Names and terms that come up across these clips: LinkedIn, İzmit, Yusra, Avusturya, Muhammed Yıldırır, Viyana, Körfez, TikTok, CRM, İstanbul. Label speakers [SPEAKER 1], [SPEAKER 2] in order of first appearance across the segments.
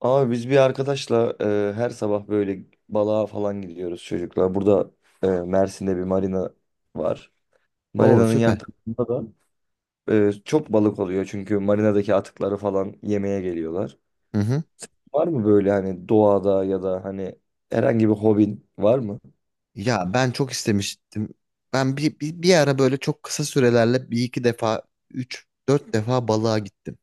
[SPEAKER 1] Abi biz bir arkadaşla her sabah böyle balığa falan gidiyoruz çocuklar. Burada Mersin'de bir marina var.
[SPEAKER 2] Oo
[SPEAKER 1] Marinanın yan
[SPEAKER 2] süper.
[SPEAKER 1] tarafında da çok balık oluyor çünkü marinadaki atıkları falan yemeye geliyorlar.
[SPEAKER 2] Hı hı.
[SPEAKER 1] Var mı böyle hani doğada ya da hani herhangi bir hobin var mı?
[SPEAKER 2] Ya ben çok istemiştim. Ben bir ara böyle çok kısa sürelerle bir iki defa, üç, dört defa balığa gittim.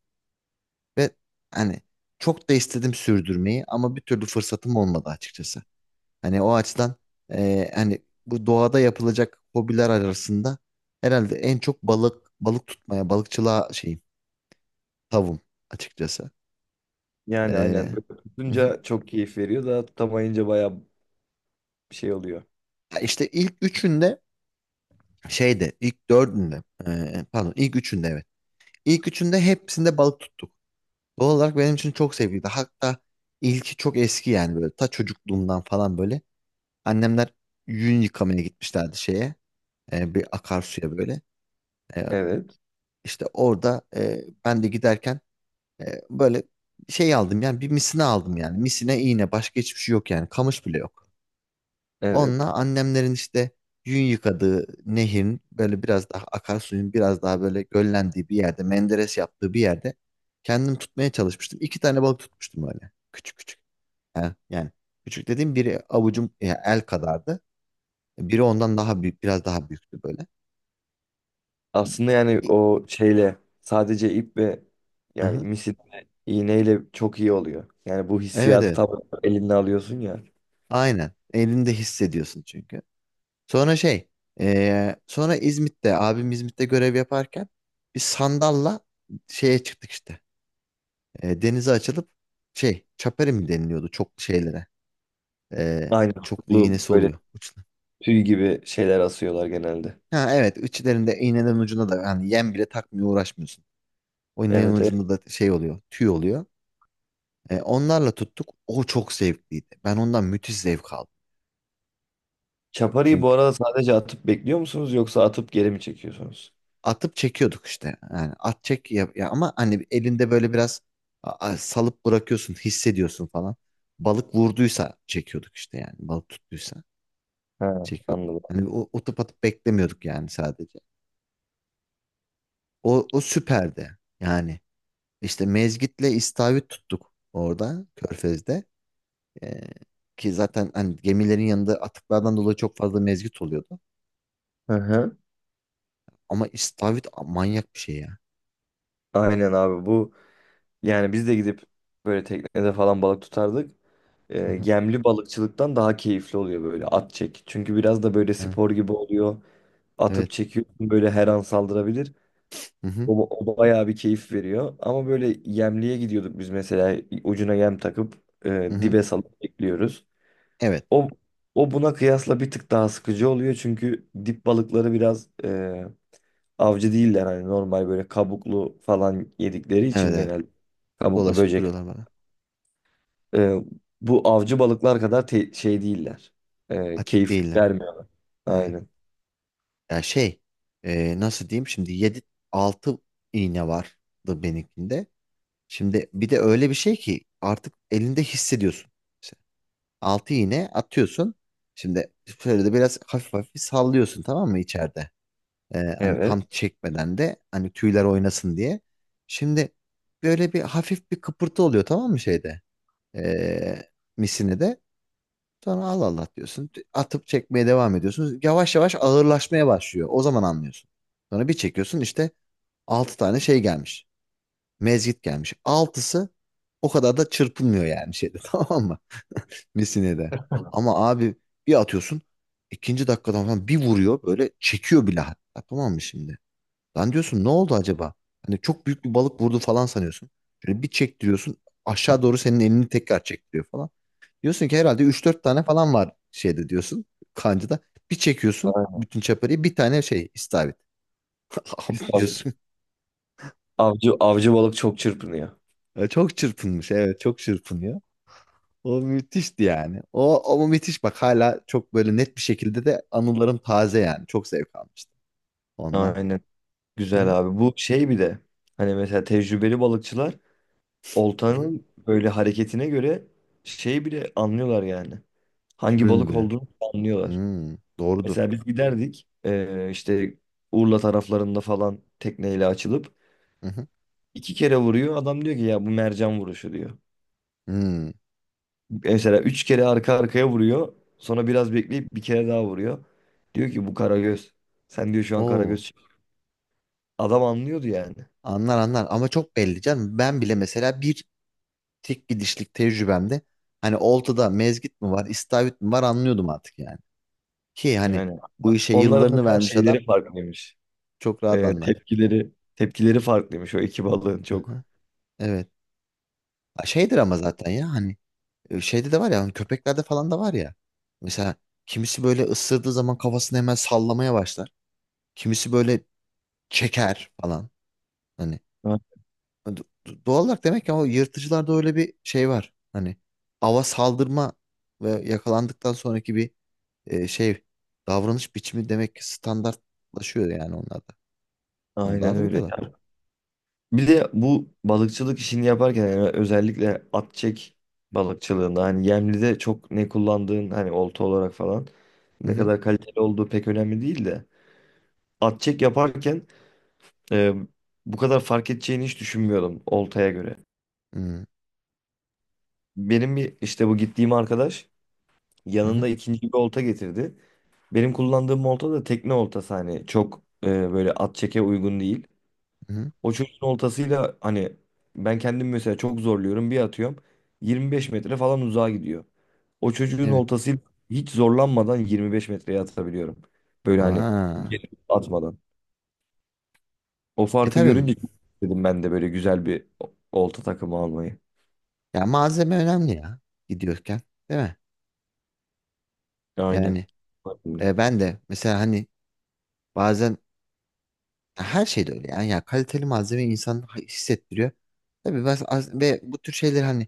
[SPEAKER 2] Ve hani çok da istedim sürdürmeyi ama bir türlü fırsatım olmadı açıkçası. Hani o açıdan, hani bu doğada yapılacak hobiler arasında herhalde en çok balık tutmaya, balıkçılığa şeyim, tavım açıkçası. E,
[SPEAKER 1] Yani aynen böyle
[SPEAKER 2] hı hı.
[SPEAKER 1] tutunca çok keyif veriyor da tutamayınca baya şey oluyor.
[SPEAKER 2] Ya işte ilk üçünde şeyde, ilk dördünde, pardon, ilk üçünde evet. İlk üçünde hepsinde balık tuttuk. Doğal olarak benim için çok sevgiydi. Hatta ilki çok eski, yani böyle ta çocukluğumdan falan böyle. Annemler yün yıkamaya gitmişlerdi şeye, bir akarsuya böyle. E,
[SPEAKER 1] Evet,
[SPEAKER 2] işte orada, ben de giderken, böyle şey aldım yani, bir misine aldım yani. Misine iğne, başka hiçbir şey yok yani, kamış bile yok.
[SPEAKER 1] evet.
[SPEAKER 2] Onunla annemlerin işte yün yıkadığı nehirin böyle biraz daha, akarsuyun biraz daha böyle göllendiği bir yerde, menderes yaptığı bir yerde kendim tutmaya çalışmıştım. İki tane balık tutmuştum öyle. Küçük küçük. Yani, küçük dediğim biri avucum ya el kadardı. Biri ondan daha büyük, biraz daha büyüktü böyle. Bir-
[SPEAKER 1] Aslında yani
[SPEAKER 2] bir-
[SPEAKER 1] o şeyle sadece ip ve yani
[SPEAKER 2] hı.
[SPEAKER 1] misil ve iğneyle çok iyi oluyor. Yani bu
[SPEAKER 2] Evet,
[SPEAKER 1] hissiyatı
[SPEAKER 2] evet.
[SPEAKER 1] tam elinde alıyorsun ya.
[SPEAKER 2] Aynen. Elinde hissediyorsun çünkü. Sonra şey, sonra İzmit'te, abim İzmit'te görev yaparken bir sandalla şeye çıktık işte. E, denize açılıp şey, çaperi mi deniliyordu çok şeylere. E,
[SPEAKER 1] Aynı
[SPEAKER 2] çok da
[SPEAKER 1] tutuklu
[SPEAKER 2] iğnesi
[SPEAKER 1] böyle
[SPEAKER 2] oluyor uçta.
[SPEAKER 1] tüy gibi şeyler asıyorlar genelde.
[SPEAKER 2] Ha evet, içlerinde, iğnenin ucunda da hani yem bile takmıyor, uğraşmıyorsun. O iğnenin
[SPEAKER 1] Evet, evet.
[SPEAKER 2] ucunda da şey oluyor, tüy oluyor. E, onlarla tuttuk, o çok zevkliydi. Ben ondan müthiş zevk aldım.
[SPEAKER 1] Çaparıyı bu
[SPEAKER 2] Çünkü
[SPEAKER 1] arada sadece atıp bekliyor musunuz yoksa atıp geri mi çekiyorsunuz?
[SPEAKER 2] atıp çekiyorduk işte. Yani at çek ya, ama hani elinde böyle biraz salıp bırakıyorsun, hissediyorsun falan. Balık vurduysa çekiyorduk işte, yani balık tuttuysa
[SPEAKER 1] Ha,
[SPEAKER 2] çekiyorduk.
[SPEAKER 1] anladım.
[SPEAKER 2] Hani o atıp atıp beklemiyorduk yani sadece. O süperdi. Yani işte mezgitle istavrit tuttuk orada, Körfez'de. Ee, ki zaten hani gemilerin yanında atıklardan dolayı çok fazla mezgit oluyordu.
[SPEAKER 1] Hı hı.
[SPEAKER 2] Ama istavrit, manyak bir şey ya.
[SPEAKER 1] Aynen abi bu yani biz de gidip böyle teknede falan balık tutardık.
[SPEAKER 2] Hı hı,
[SPEAKER 1] Gemli balıkçılıktan daha keyifli oluyor böyle at çek. Çünkü biraz da böyle
[SPEAKER 2] hı,
[SPEAKER 1] spor gibi oluyor. Atıp
[SPEAKER 2] evet.
[SPEAKER 1] çekiyorsun böyle her an saldırabilir.
[SPEAKER 2] Hı hı,
[SPEAKER 1] O bayağı bir keyif veriyor. Ama böyle yemliğe gidiyorduk biz mesela ucuna yem takıp
[SPEAKER 2] hı hı.
[SPEAKER 1] dibe salıp bekliyoruz.
[SPEAKER 2] Evet.
[SPEAKER 1] O, o buna kıyasla bir tık daha sıkıcı oluyor çünkü dip balıkları biraz avcı değiller hani normal böyle kabuklu falan yedikleri
[SPEAKER 2] Evet,
[SPEAKER 1] için
[SPEAKER 2] evet.
[SPEAKER 1] genelde kabuklu
[SPEAKER 2] Dolaşıp
[SPEAKER 1] böcek.
[SPEAKER 2] duruyorlar bana.
[SPEAKER 1] E, Bu avcı balıklar kadar şey değiller.
[SPEAKER 2] Atik
[SPEAKER 1] Keyif
[SPEAKER 2] değiller.
[SPEAKER 1] vermiyor.
[SPEAKER 2] Evet.
[SPEAKER 1] Aynen.
[SPEAKER 2] Ya şey, nasıl diyeyim şimdi, 7 6 iğne vardı benimkinde. Şimdi bir de öyle bir şey ki artık elinde hissediyorsun. Altı iğne atıyorsun. Şimdi şöyle de biraz hafif hafif sallıyorsun, tamam mı, içeride? Hani tam
[SPEAKER 1] Evet.
[SPEAKER 2] çekmeden de, hani tüyler oynasın diye. Şimdi böyle bir hafif bir kıpırtı oluyor, tamam mı, şeyde? Ee, misini de. Sonra Allah Allah diyorsun. Atıp çekmeye devam ediyorsun. Yavaş yavaş ağırlaşmaya başlıyor. O zaman anlıyorsun. Sonra bir çekiyorsun, işte altı tane şey gelmiş. Mezgit gelmiş. Altısı o kadar da çırpınmıyor yani şeyde tamam mı? Messine'de. Ama abi bir atıyorsun, ikinci dakikadan falan bir vuruyor, böyle çekiyor bile hatta, tamam mı şimdi? Lan diyorsun, ne oldu acaba? Hani çok büyük bir balık vurdu falan sanıyorsun. Şöyle bir çektiriyorsun, aşağı doğru senin elini tekrar çektiriyor falan. Diyorsun ki herhalde üç dört tane falan var şeyde, diyorsun, kancada. Bir çekiyorsun bütün çapariyi, bir tane şey, istavrit.
[SPEAKER 1] Biz
[SPEAKER 2] Abi
[SPEAKER 1] Avcı,
[SPEAKER 2] diyorsun.
[SPEAKER 1] avcı, avcı balık çok çırpınıyor.
[SPEAKER 2] Ya, çok çırpınmış, evet, çok çırpınıyor. O müthişti yani. O müthiş, bak hala çok böyle net bir şekilde de anılarım taze yani. Çok zevk almıştım ondan.
[SPEAKER 1] Aynen.
[SPEAKER 2] Hı hı.
[SPEAKER 1] Güzel abi. Bu şey bir de hani mesela tecrübeli balıkçılar
[SPEAKER 2] Hı hı.
[SPEAKER 1] oltanın böyle hareketine göre şey bile anlıyorlar yani. Hangi
[SPEAKER 2] Şürünü
[SPEAKER 1] balık
[SPEAKER 2] bile.
[SPEAKER 1] olduğunu anlıyorlar.
[SPEAKER 2] Hmm, doğrudur.
[SPEAKER 1] Mesela biz giderdik işte Urla taraflarında falan tekneyle açılıp
[SPEAKER 2] Hı hı.
[SPEAKER 1] iki kere vuruyor. Adam diyor ki ya bu mercan vuruşu diyor.
[SPEAKER 2] Hmm.
[SPEAKER 1] Mesela üç kere arka arkaya vuruyor. Sonra biraz bekleyip bir kere daha vuruyor. Diyor ki bu karagöz. Sen diyor şu an
[SPEAKER 2] Oo,
[SPEAKER 1] karagöz. Adam anlıyordu yani.
[SPEAKER 2] anlar anlar ama çok belli canım. Ben bile mesela bir tek gidişlik tecrübemde hani oltada mezgit mi var, istavrit mi var, anlıyordum artık yani. Ki hani
[SPEAKER 1] Yani
[SPEAKER 2] bu işe
[SPEAKER 1] onların
[SPEAKER 2] yıllarını
[SPEAKER 1] mesela
[SPEAKER 2] vermiş adam
[SPEAKER 1] şeyleri farklıymış.
[SPEAKER 2] çok rahat anlar.
[SPEAKER 1] Tepkileri tepkileri farklıymış o iki balığın çok.
[SPEAKER 2] Hı. Evet. Ha, şeydir ama zaten, ya hani, E, Şeyde de var ya, hani köpeklerde falan da var ya. Mesela kimisi böyle ısırdığı zaman kafasını hemen sallamaya başlar. Kimisi böyle çeker falan. Hani,
[SPEAKER 1] Ha,
[SPEAKER 2] Doğal olarak demek ki o yırtıcılarda öyle bir şey var. Hani ava saldırma ve yakalandıktan sonraki bir, şey, davranış biçimi demek ki standartlaşıyor yani onlarda. Bunu da
[SPEAKER 1] aynen öyle
[SPEAKER 2] algılıyorlar.
[SPEAKER 1] ya. Bir de bu balıkçılık işini yaparken yani özellikle at çek balıkçılığında hani yemlide çok ne kullandığın hani olta olarak falan
[SPEAKER 2] Hı
[SPEAKER 1] ne
[SPEAKER 2] hı.
[SPEAKER 1] kadar kaliteli olduğu pek önemli değil de at çek yaparken e, bu kadar fark edeceğini hiç düşünmüyordum oltaya göre.
[SPEAKER 2] Hı
[SPEAKER 1] Benim bir işte bu gittiğim arkadaş
[SPEAKER 2] hı.
[SPEAKER 1] yanında ikinci bir olta getirdi. Benim kullandığım olta da tekne oltası hani çok böyle at çeke uygun değil.
[SPEAKER 2] Hı hı.
[SPEAKER 1] O çocuğun oltasıyla hani ben kendim mesela çok zorluyorum bir atıyorum 25 metre falan uzağa gidiyor. O çocuğun
[SPEAKER 2] Evet.
[SPEAKER 1] oltasıyla hiç zorlanmadan 25 metreye atabiliyorum. Böyle hani
[SPEAKER 2] Aa.
[SPEAKER 1] gelip atmadan. O
[SPEAKER 2] E
[SPEAKER 1] farkı
[SPEAKER 2] tabii.
[SPEAKER 1] görünce çok dedim ben de böyle güzel bir olta takımı almayı.
[SPEAKER 2] Ya malzeme önemli ya, gidiyorken, değil mi?
[SPEAKER 1] Aynen.
[SPEAKER 2] Yani,
[SPEAKER 1] Aynen.
[SPEAKER 2] Ben de mesela hani bazen, her şeyde öyle yani, ya kaliteli malzeme insan hissettiriyor. Tabii ben ve bu tür şeyleri hani,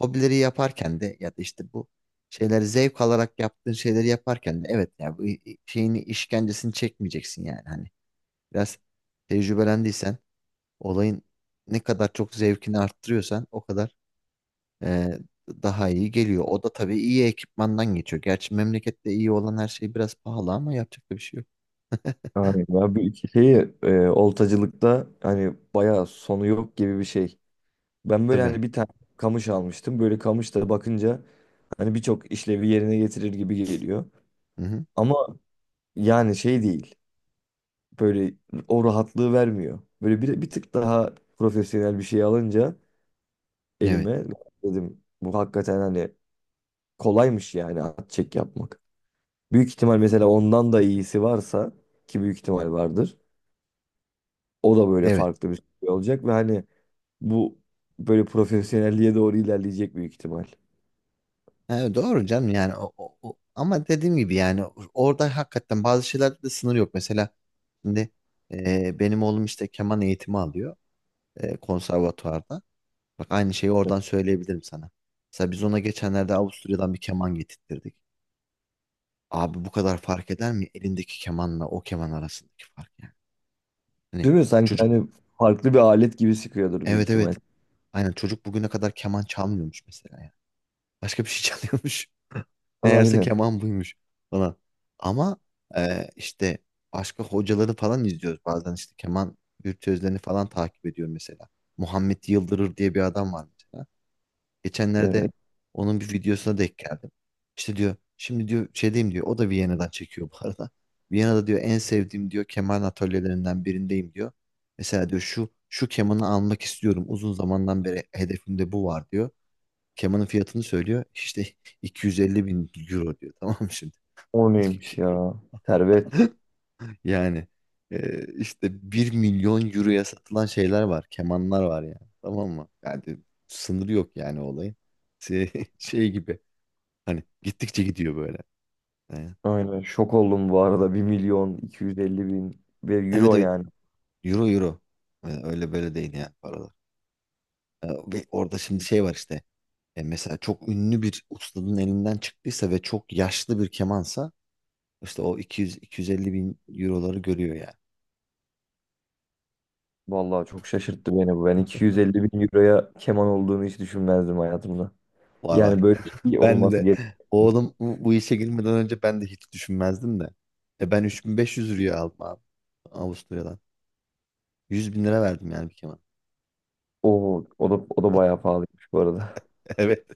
[SPEAKER 2] hobileri yaparken de, ya da işte bu şeyleri zevk alarak yaptığın şeyleri yaparken de, evet ya, bu şeyini, işkencesini çekmeyeceksin yani, hani biraz tecrübelendiysen, olayın ne kadar çok zevkini arttırıyorsan o kadar, e, daha iyi geliyor. O da tabii iyi ekipmandan geçiyor. Gerçi memlekette iyi olan her şey biraz pahalı, ama yapacak da bir şey yok.
[SPEAKER 1] Aynen. Ya bu iki şeyi oltacılıkta hani bayağı sonu yok gibi bir şey. Ben böyle
[SPEAKER 2] Tabii.
[SPEAKER 1] hani bir tane kamış almıştım. Böyle kamış da bakınca hani birçok işlevi yerine getirir gibi geliyor.
[SPEAKER 2] Hı hı.
[SPEAKER 1] Ama yani şey değil. Böyle o rahatlığı vermiyor. Böyle bir tık daha profesyonel bir şey alınca
[SPEAKER 2] Evet,
[SPEAKER 1] elime dedim bu hakikaten hani kolaymış yani at çek yapmak. Büyük ihtimal mesela ondan da iyisi varsa ki büyük ihtimal vardır. O da böyle
[SPEAKER 2] evet.
[SPEAKER 1] farklı bir şey olacak ve hani bu böyle profesyonelliğe doğru ilerleyecek büyük ihtimal.
[SPEAKER 2] Ha, doğru canım, yani ama dediğim gibi yani, orada hakikaten bazı şeylerde de sınır yok. Mesela şimdi, benim oğlum işte keman eğitimi alıyor, konservatuvarda. Bak aynı şeyi oradan söyleyebilirim sana. Mesela biz ona geçenlerde Avusturya'dan bir keman getirttirdik. Abi bu kadar fark eder mi, elindeki kemanla o keman arasındaki fark yani. Hani
[SPEAKER 1] Değil mi? Sanki
[SPEAKER 2] çocuk,
[SPEAKER 1] hani farklı bir alet gibi sıkıyordur büyük
[SPEAKER 2] evet,
[SPEAKER 1] ihtimal.
[SPEAKER 2] evet, aynen, çocuk bugüne kadar keman çalmıyormuş mesela yani. Başka bir şey çalıyormuş. Meğerse
[SPEAKER 1] Aynen.
[SPEAKER 2] keman buymuş falan. Ama, işte başka hocaları falan izliyoruz. Bazen işte keman virtüözlerini falan takip ediyorum mesela. Muhammed Yıldırır diye bir adam var mesela. Geçenlerde
[SPEAKER 1] Evet.
[SPEAKER 2] onun bir videosuna denk geldim. İşte diyor, şimdi diyor şey diyeyim diyor. O da Viyana'dan çekiyor bu arada. Viyana'da diyor en sevdiğim diyor keman atölyelerinden birindeyim diyor. Mesela diyor şu şu kemanı almak istiyorum. Uzun zamandan beri hedefimde bu var diyor. Kemanın fiyatını söylüyor. İşte 250 bin euro diyor. Tamam mı şimdi?
[SPEAKER 1] O neymiş ya? Servet.
[SPEAKER 2] Yani, işte bir milyon euroya satılan şeyler var. Kemanlar var yani. Tamam mı? Yani sınırı yok yani olayın. Şey, şey gibi. Hani gittikçe gidiyor böyle. E,
[SPEAKER 1] Aynen. Şok oldum bu arada. 1.250.000 ve
[SPEAKER 2] Evet
[SPEAKER 1] euro
[SPEAKER 2] evet.
[SPEAKER 1] yani.
[SPEAKER 2] Euro, euro. E, Öyle böyle değil yani paralar. E, Ve orada şimdi şey var işte. E, mesela çok ünlü bir ustanın elinden çıktıysa ve çok yaşlı bir kemansa, işte o 200-250 bin euroları görüyor yani.
[SPEAKER 1] Vallahi çok şaşırttı beni bu. Ben 250 bin euroya keman olduğunu hiç düşünmezdim hayatımda.
[SPEAKER 2] Var var.
[SPEAKER 1] Yani böyle bir şey
[SPEAKER 2] Ben
[SPEAKER 1] olması
[SPEAKER 2] de
[SPEAKER 1] gerek.
[SPEAKER 2] oğlum, bu işe girmeden önce ben de hiç düşünmezdim de. Ben 3500 liraya aldım abi, Avusturya'dan. 100 bin lira verdim yani bir keman.
[SPEAKER 1] O da bayağı pahalıymış bu arada.
[SPEAKER 2] Evet.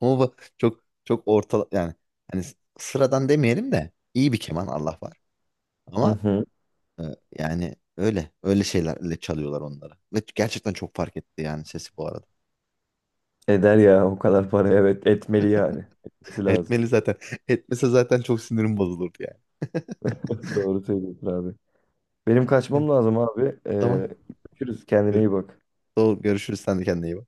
[SPEAKER 2] Ama bu çok çok orta yani, hani sıradan demeyelim de, iyi bir keman Allah var.
[SPEAKER 1] Hı
[SPEAKER 2] Ama,
[SPEAKER 1] hı.
[SPEAKER 2] e, yani öyle öyle şeylerle çalıyorlar onları. Ve gerçekten çok fark etti yani sesi bu arada.
[SPEAKER 1] Eder ya o kadar para evet etmeli yani. Etmesi lazım.
[SPEAKER 2] Etmeli zaten. Etmese zaten çok sinirim bozulurdu yani.
[SPEAKER 1] Doğru söylüyorsun abi. Benim kaçmam lazım abi.
[SPEAKER 2] Tamam.
[SPEAKER 1] Görüşürüz. Kendine
[SPEAKER 2] Gör-
[SPEAKER 1] iyi bak.
[SPEAKER 2] Doğru, görüşürüz. Sen de kendine iyi bak.